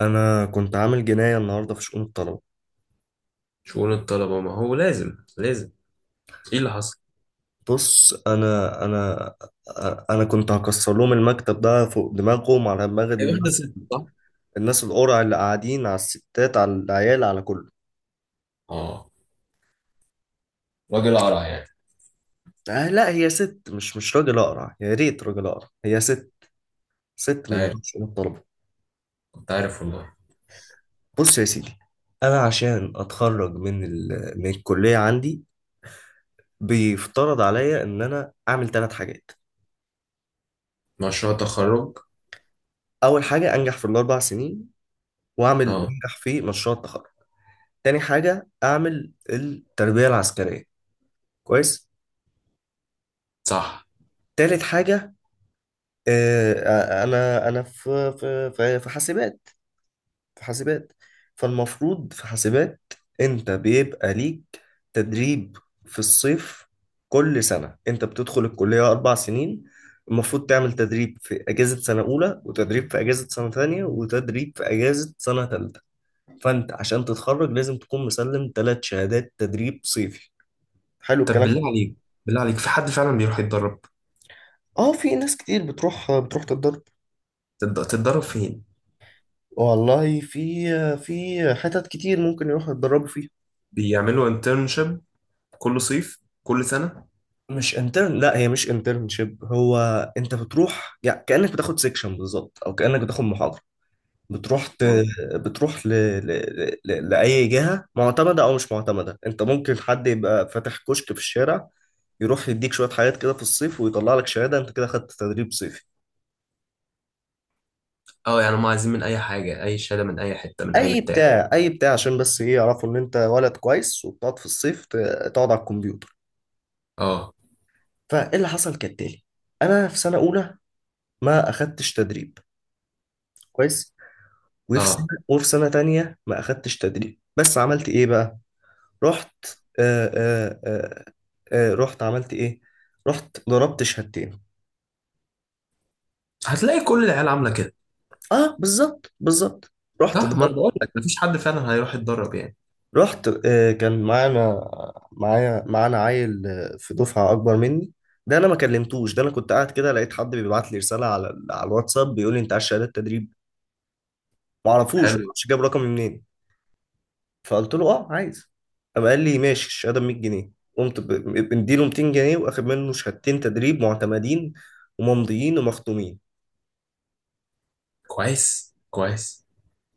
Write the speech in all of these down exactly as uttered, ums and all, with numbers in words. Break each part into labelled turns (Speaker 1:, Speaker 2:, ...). Speaker 1: انا كنت عامل جناية النهاردة في شؤون الطلبة.
Speaker 2: شؤون الطلبة، ما هو لازم لازم. ايه اللي حصل؟
Speaker 1: بص انا انا انا كنت هكسر لهم المكتب ده فوق دماغهم، على دماغ
Speaker 2: هي واخدة
Speaker 1: الناس،
Speaker 2: ست، صح؟
Speaker 1: الناس القرع اللي قاعدين على الستات، على العيال، على كله.
Speaker 2: اه. راجل قرع يعني.
Speaker 1: آه لا، هي ست، مش مش راجل اقرع، يا ريت راجل اقرع، هي ست، ست
Speaker 2: كنت
Speaker 1: من
Speaker 2: عارف،
Speaker 1: بتوع شؤون الطلبة.
Speaker 2: كنت عارف والله.
Speaker 1: بص يا سيدي، انا عشان اتخرج من ال... من الكلية عندي بيفترض عليا ان انا اعمل ثلاث حاجات.
Speaker 2: مشروع تخرج.
Speaker 1: اول حاجة انجح في الاربع سنين، واعمل
Speaker 2: اه.
Speaker 1: وانجح في مشروع التخرج. تاني حاجة أعمل التربية العسكرية، كويس.
Speaker 2: صح.
Speaker 1: تالت حاجة، آه، آه، أنا أنا في في في في حاسبات، في حاسبات، فالمفروض في حاسبات أنت بيبقى ليك تدريب في الصيف. كل سنة أنت بتدخل الكلية أربع سنين المفروض تعمل تدريب في أجازة سنة أولى، وتدريب في أجازة سنة تانية، وتدريب في أجازة سنة تالتة. فأنت عشان تتخرج لازم تكون مسلم تلات شهادات تدريب صيفي. حلو
Speaker 2: طب
Speaker 1: الكلام.
Speaker 2: بالله عليك، بالله عليك، في حد فعلا بيروح يتدرب؟
Speaker 1: اه، في ناس كتير بتروح بتروح تتدرب.
Speaker 2: تد- تتدرب فين؟
Speaker 1: والله في في حتت كتير ممكن يروحوا يتدربوا فيها.
Speaker 2: بيعملوا انترنشيب كل صيف، كل سنة.
Speaker 1: مش انترن، لا، هي مش انترنشيب، هو انت بتروح يعني كأنك بتاخد سيكشن بالظبط، او كأنك بتاخد محاضرة. بتروح ت...
Speaker 2: اه.
Speaker 1: بتروح ل... ل... ل... لأي جهة معتمدة او مش معتمدة، انت ممكن حد يبقى فاتح كشك في الشارع، يروح يديك شوية حاجات كده في الصيف ويطلع لك شهادة، انت كده خدت تدريب صيفي.
Speaker 2: اه، يعني هم عايزين من اي حاجة، اي شهادة، من اي حتة، من اي
Speaker 1: اي
Speaker 2: بتاع.
Speaker 1: بتاع اي بتاع، عشان بس ايه، يعرفوا ان انت ولد كويس وبتقعد في الصيف ت- تقعد على الكمبيوتر.
Speaker 2: اه
Speaker 1: فايه اللي حصل كالتالي، انا في سنه اولى ما اخدتش تدريب، كويس. وفي سنه
Speaker 2: اه.
Speaker 1: وفي سنه تانية ما اخدتش تدريب، بس عملت ايه بقى؟ رحت، آه آه آه آه رحت عملت ايه، رحت ضربت شهادتين.
Speaker 2: هتلاقي كل العيال عاملة كده.
Speaker 1: اه بالظبط بالظبط، رحت
Speaker 2: صح، ما انا
Speaker 1: ضربت،
Speaker 2: بقول لك مفيش حد فعلا هيروح يتدرب يعني.
Speaker 1: رحت. آه كان معانا، معايا معانا عيل، آه، في دفعه اكبر مني. ده انا ما كلمتوش، ده انا كنت قاعد كده لقيت حد بيبعت لي رساله على على الواتساب بيقول لي انت عايز شهاده تدريب. ما اعرفوش، ما
Speaker 2: حلو.
Speaker 1: اعرفش جاب رقمي منين. فقلت له اه عايز، قام قال لي ماشي الشهاده ب مية جنيه، قمت ب- مديله ميتين جنيه، واخد منه شهادتين تدريب معتمدين، وممضيين ومختومين.
Speaker 2: كويس، كويس.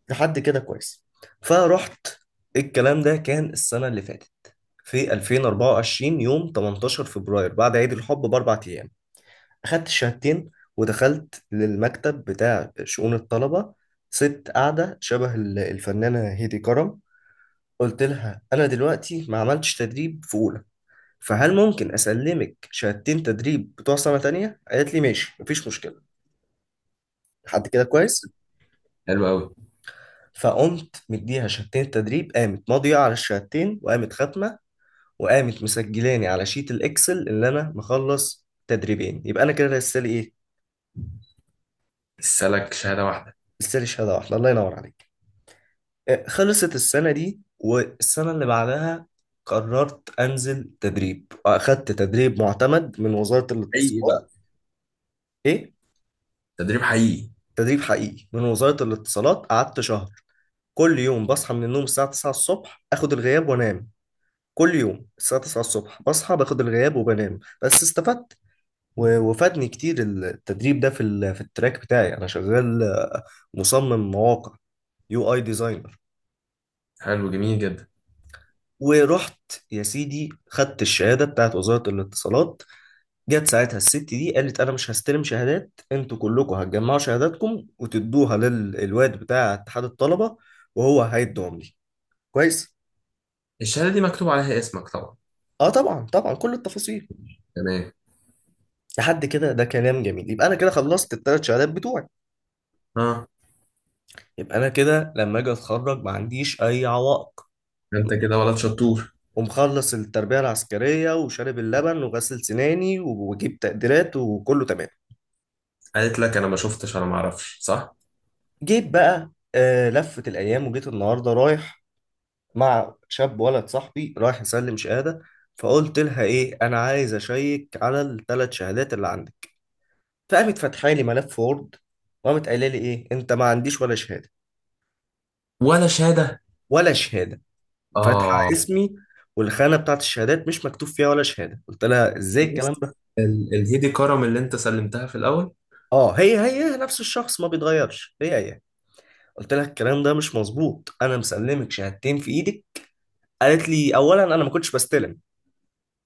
Speaker 1: لحد كده كويس، فرحت. الكلام ده كان السنه اللي فاتت، في ألفين وأربعة وعشرين يوم تمنتاشر فبراير، بعد عيد الحب باربع ايام، اخدت الشهادتين ودخلت للمكتب بتاع شؤون الطلبه. ست قاعده شبه ال- الفنانه هيدي كرم. قلت لها انا دلوقتي ما عملتش تدريب في اولى، فهل ممكن اسلمك شهادتين تدريب بتوع سنه تانية؟ قالت لي ماشي مفيش مشكله. لحد كده كويس.
Speaker 2: حلو قوي.
Speaker 1: فقمت مديها شهادتين تدريب، قامت ماضيه على الشهادتين وقامت ختمه، وقامت مسجلاني على شيت الاكسل اللي انا مخلص تدريبين، يبقى انا كده لسه لي ايه،
Speaker 2: السلك شهادة واحدة.
Speaker 1: لسه لي شهاده واحده. الله ينور عليك. آه، خلصت السنه دي، والسنه اللي بعدها قررت انزل تدريب، واخدت تدريب معتمد من وزاره
Speaker 2: حقيقي
Speaker 1: الاتصالات.
Speaker 2: بقى؟
Speaker 1: ايه،
Speaker 2: تدريب حقيقي؟
Speaker 1: تدريب حقيقي من وزاره الاتصالات، قعدت شهر. كل يوم بصحى من النوم الساعة تسعة الصبح، اخد الغياب وانام. كل يوم الساعة تسعة الصبح بصحى باخد الغياب وبنام، بس استفدت و- وفادني كتير التدريب ده في ال- في التراك بتاعي، انا شغال، آه، مصمم مواقع، يو اي ديزاينر.
Speaker 2: حلو، جميل جدا.
Speaker 1: ورحت يا سيدي خدت الشهادة بتاعت وزارة الاتصالات. جت ساعتها الست دي قالت انا مش هستلم شهادات، انتوا كلكم هتجمعوا شهاداتكم وتدوها للواد بتاع اتحاد الطلبة، وهو هيدوهم لي. كويس.
Speaker 2: الشهادة دي مكتوب عليها اسمك طبعا.
Speaker 1: اه طبعا طبعا، كل التفاصيل.
Speaker 2: تمام.
Speaker 1: لحد كده ده كلام جميل، يبقى انا كده خلصت الثلاث شهادات بتوعي.
Speaker 2: اه.
Speaker 1: يبقى انا كده لما اجي اتخرج ما عنديش اي عوائق،
Speaker 2: انت كده ولد شطور.
Speaker 1: ومخلص التربية العسكرية، وشارب اللبن، وغسل سناني، وجيب تقديرات، وكله تمام.
Speaker 2: قالت لك انا ما شفتش، انا ما اعرفش، صح؟
Speaker 1: جيت بقى، آه لفت الايام وجيت النهارده رايح مع شاب ولد صاحبي رايح يسلم شهادة. فقلت لها ايه، انا عايز اشيك على الثلاث شهادات اللي عندك. فقامت فاتحه لي ملف وورد، وقامت قايله لي ايه، انت ما عنديش ولا شهادة،
Speaker 2: ولا شهادة.
Speaker 1: ولا شهادة، فاتحه
Speaker 2: اه.
Speaker 1: اسمي والخانه بتاعت الشهادات مش مكتوب فيها ولا شهاده. قلت لها ازاي الكلام
Speaker 2: عرفت؟
Speaker 1: ده؟
Speaker 2: ال- الهيدي كرم اللي انت سلمتها في الاول؟
Speaker 1: اه، هي هي نفس الشخص ما بيتغيرش، هي هي. قلت لها الكلام ده مش مظبوط، انا مسلمك شهادتين في ايدك. قالت لي اولا انا ما كنتش بستلم.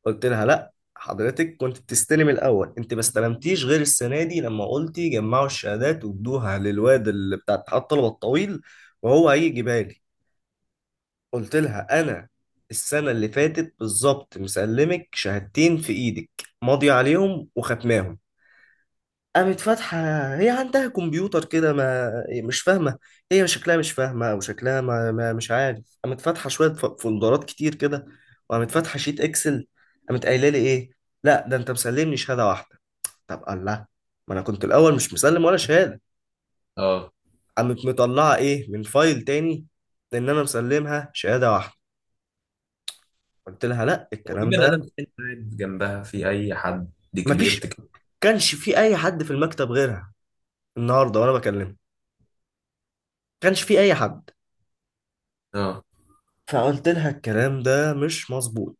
Speaker 1: قلت لها لا، حضرتك كنت بتستلم الاول، انت ما استلمتيش غير السنه دي، لما قلتي جمعوا الشهادات وادوها للواد اللي بتاع اتحاد الطلبه الطويل وهو هيجيبها لي. قلت لها انا السنه اللي فاتت بالظبط مسلمك شهادتين في ايدك، ماضي عليهم وختماهم. قامت فاتحه، هي عندها كمبيوتر كده، ما مش فاهمه، هي شكلها مش فاهمه، او شكلها ما... ما مش عارف، قامت فاتحه شويه ف- فولدرات كتير كده، وقامت فاتحه شيت اكسل، قامت قايله لي ايه، لا ده انت مسلمني شهاده واحده. طب الله، ما انا كنت الاول مش مسلم ولا شهاده.
Speaker 2: اه.
Speaker 1: قامت مطلعه ايه من فايل تاني، ان انا مسلمها شهاده واحده. قلت لها لا،
Speaker 2: هو في
Speaker 1: الكلام
Speaker 2: بني
Speaker 1: ده
Speaker 2: ادم تاني قاعد جنبها، في اي حد كبير
Speaker 1: مفيش،
Speaker 2: تك...
Speaker 1: كانش في اي حد في المكتب غيرها النهارده وانا بكلمها، كانش في اي حد.
Speaker 2: اه.
Speaker 1: فقلت لها الكلام ده مش مظبوط،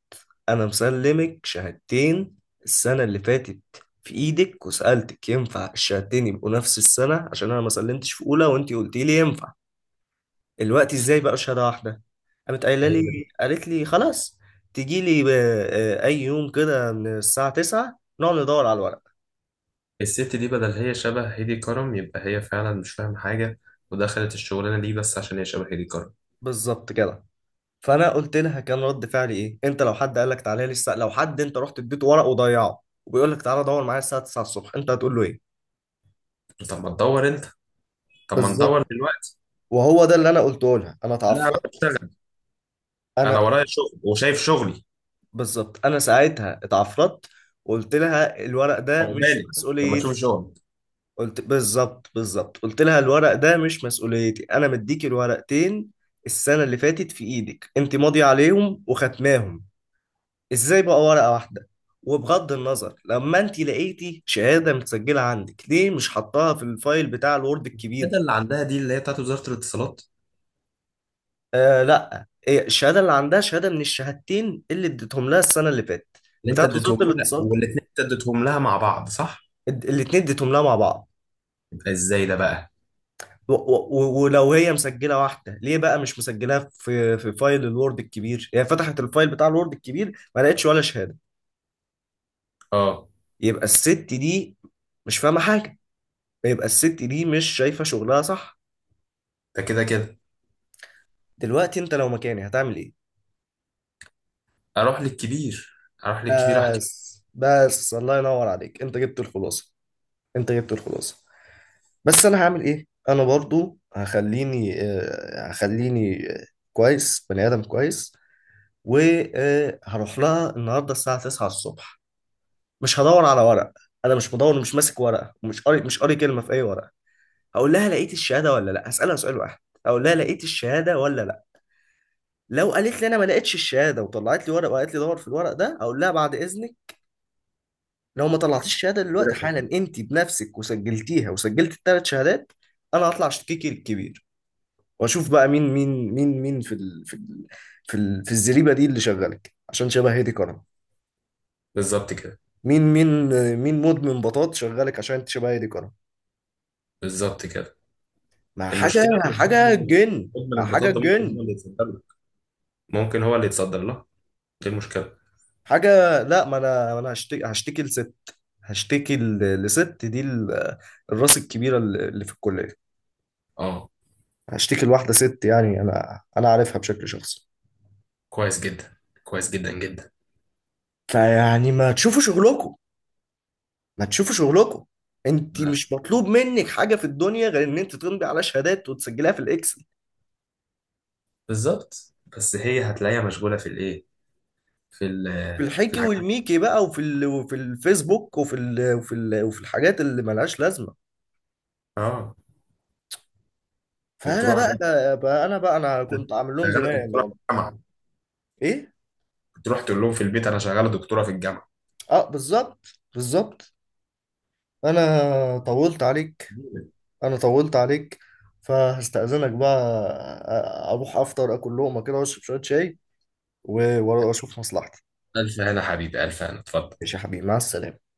Speaker 1: انا مسلمك شهادتين السنه اللي فاتت في ايدك، وسالتك ينفع الشهادتين يبقوا نفس السنه عشان انا ما سلمتش في اولى، وانت قلتي لي ينفع، الوقت ازاي بقى شهاده واحده؟ قامت قايله
Speaker 2: هي
Speaker 1: لي،
Speaker 2: بدل.
Speaker 1: قالت لي خلاص تجي لي اي يوم كده من الساعه تسعة نقعد ندور على الورق.
Speaker 2: الست دي بدل، هي شبه هيدي كرم، يبقى هي فعلا مش فاهمة حاجة. ودخلت الشغلانة دي بس عشان هي شبه هيدي كرم.
Speaker 1: بالظبط كده. فانا قلت لها كان رد فعلي ايه، انت لو حد قال لك تعالى لي الساعه، لو حد انت رحت اديته ورق وضيعه وبيقول لك تعالى دور معايا الساعه تسعة الصبح، انت هتقول له ايه؟
Speaker 2: طب ما تدور انت. طب ما ندور
Speaker 1: بالظبط،
Speaker 2: دلوقتي.
Speaker 1: وهو ده اللي انا قلته لها، انا
Speaker 2: لا انا
Speaker 1: اتعفرت،
Speaker 2: بشتغل. انا
Speaker 1: انا،
Speaker 2: ورايا شغل وشايف شغلي.
Speaker 1: بالظبط انا ساعتها اتعفرت، وقلت لها الورق ده مش
Speaker 2: عقبالي لما تشوف
Speaker 1: مسؤوليتي.
Speaker 2: شغل.
Speaker 1: قلت بالظبط بالظبط، قلت لها الورق ده مش مسؤوليتي، انا مديكي الورقتين السنه اللي فاتت في ايدك، انت ماضيه عليهم وختماهم، ازاي بقى ورقة واحدة؟ وبغض النظر، لما انت لقيتي شهادة متسجلة عندك، ليه مش حطاها في الفايل بتاع الوورد
Speaker 2: ده
Speaker 1: الكبير؟
Speaker 2: اللي عندها دي اللي هي بتاعت وزارة الاتصالات؟
Speaker 1: آه لا، إيه الشهادة اللي عندها، شهادة من الشهادتين اللي اديتهم لها السنة اللي فاتت،
Speaker 2: اللي انت
Speaker 1: بتاعت وزارة
Speaker 2: اديتهم لها،
Speaker 1: الاتصالات،
Speaker 2: والاتنين انت اديتهم لها مع بعض، صح؟
Speaker 1: اد- الاتنين اديتهم لها مع بعض.
Speaker 2: يبقى ازاي ده بقى؟
Speaker 1: و- و- و- ولو هي مسجلة واحدة، ليه بقى مش مسجلاها في في فايل الوورد الكبير؟ هي فتحت الفايل بتاع الوورد الكبير ما لقتش ولا شهادة.
Speaker 2: اه.
Speaker 1: يبقى الست دي مش فاهمة حاجة، يبقى الست دي مش شايفة شغلها صح.
Speaker 2: ده كده كده.
Speaker 1: دلوقتي انت لو مكاني هتعمل ايه؟
Speaker 2: اروح للكبير، اروح للكبير احكي
Speaker 1: بس بس، الله ينور عليك، انت جبت الخلاصه، انت جبت الخلاصه. بس انا هعمل ايه، انا برضو هخليني، آه، هخليني، آه، كويس، بني ادم كويس، وهروح لها النهارده الساعه تسعة الصبح. مش هدور على ورق، انا مش بدور، مش ماسك ورقه، ومش قاري، مش قاري كلمه في اي ورقه. هقول لها لقيت الشهاده ولا لا، هسالها سؤال واحد، اقول لها لقيت الشهاده ولا لا. لو قالت لي انا ما لقيتش الشهاده وطلعت لي ورق وقالت لي دور في الورق ده، اقول لها بعد اذنك، لو ما طلعتيش الشهاده
Speaker 2: له.
Speaker 1: دلوقتي
Speaker 2: كده.
Speaker 1: حالا انت بنفسك وسجلتيها وسجلت الثلاث شهادات، انا هطلع اشتكيكي الكبير. واشوف بقى مين مين، مين مين في ال في ال في, ال في الزريبه دي اللي شغالك عشان شبه هادي كرم،
Speaker 2: بالظبط كده.
Speaker 1: مين مين، مين مدمن بطاط شغالك عشان انت شبه هادي كرم.
Speaker 2: بالظبط كده.
Speaker 1: ما حاجه
Speaker 2: المشكلة إن مدمن
Speaker 1: حاجه
Speaker 2: ال-
Speaker 1: جن،
Speaker 2: مدمن
Speaker 1: ما حاجه
Speaker 2: البطاطا ممكن
Speaker 1: جن،
Speaker 2: هو اللي يتصدر له. ممكن هو اللي يتصدر لها. دي المشكلة.
Speaker 1: حاجه. لا، ما انا، ما انا هشتكي، هشتكي لست هشتكي ل- لست دي ال- الراس الكبيره اللي اللي في الكليه.
Speaker 2: اه.
Speaker 1: هشتكي لواحده ست، يعني انا انا عارفها بشكل شخصي.
Speaker 2: كويس جدا. كويس جدا جدا.
Speaker 1: فيعني ما تشوفوا شغلكم، ما تشوفوا شغلكم، انت مش مطلوب منك حاجه في الدنيا غير ان انت تمضي على شهادات وتسجليها في الاكسل.
Speaker 2: بالظبط، بس هي هتلاقيها مشغولة في الايه، في ال
Speaker 1: في
Speaker 2: في
Speaker 1: الحكي
Speaker 2: الحاجات.
Speaker 1: والميكي بقى، وفي ال... وفي الفيسبوك، وفي ال... وفي ال... وفي الحاجات اللي ملهاش لازمه.
Speaker 2: اه.
Speaker 1: فانا
Speaker 2: وتروح
Speaker 1: بقى,
Speaker 2: بقى
Speaker 1: بقى, بقى انا بقى انا كنت عامل لهم
Speaker 2: شغاله
Speaker 1: جنايه
Speaker 2: دكتوره في
Speaker 1: النهارده.
Speaker 2: الجامعه.
Speaker 1: ايه،
Speaker 2: تروح تقول لهم في البيت انا شغاله دكتوره في الجامعه.
Speaker 1: اه بالظبط بالظبط. انا طولت عليك، انا طولت عليك، فهستأذنك بقى، أ- اروح افطر اكل لقمه كده واشرب شويه شاي و- واشوف مصلحتي.
Speaker 2: الف هنا حبيبي، الف هنا، اتفضل.
Speaker 1: ماشي يا حبيبي، مع السلامه.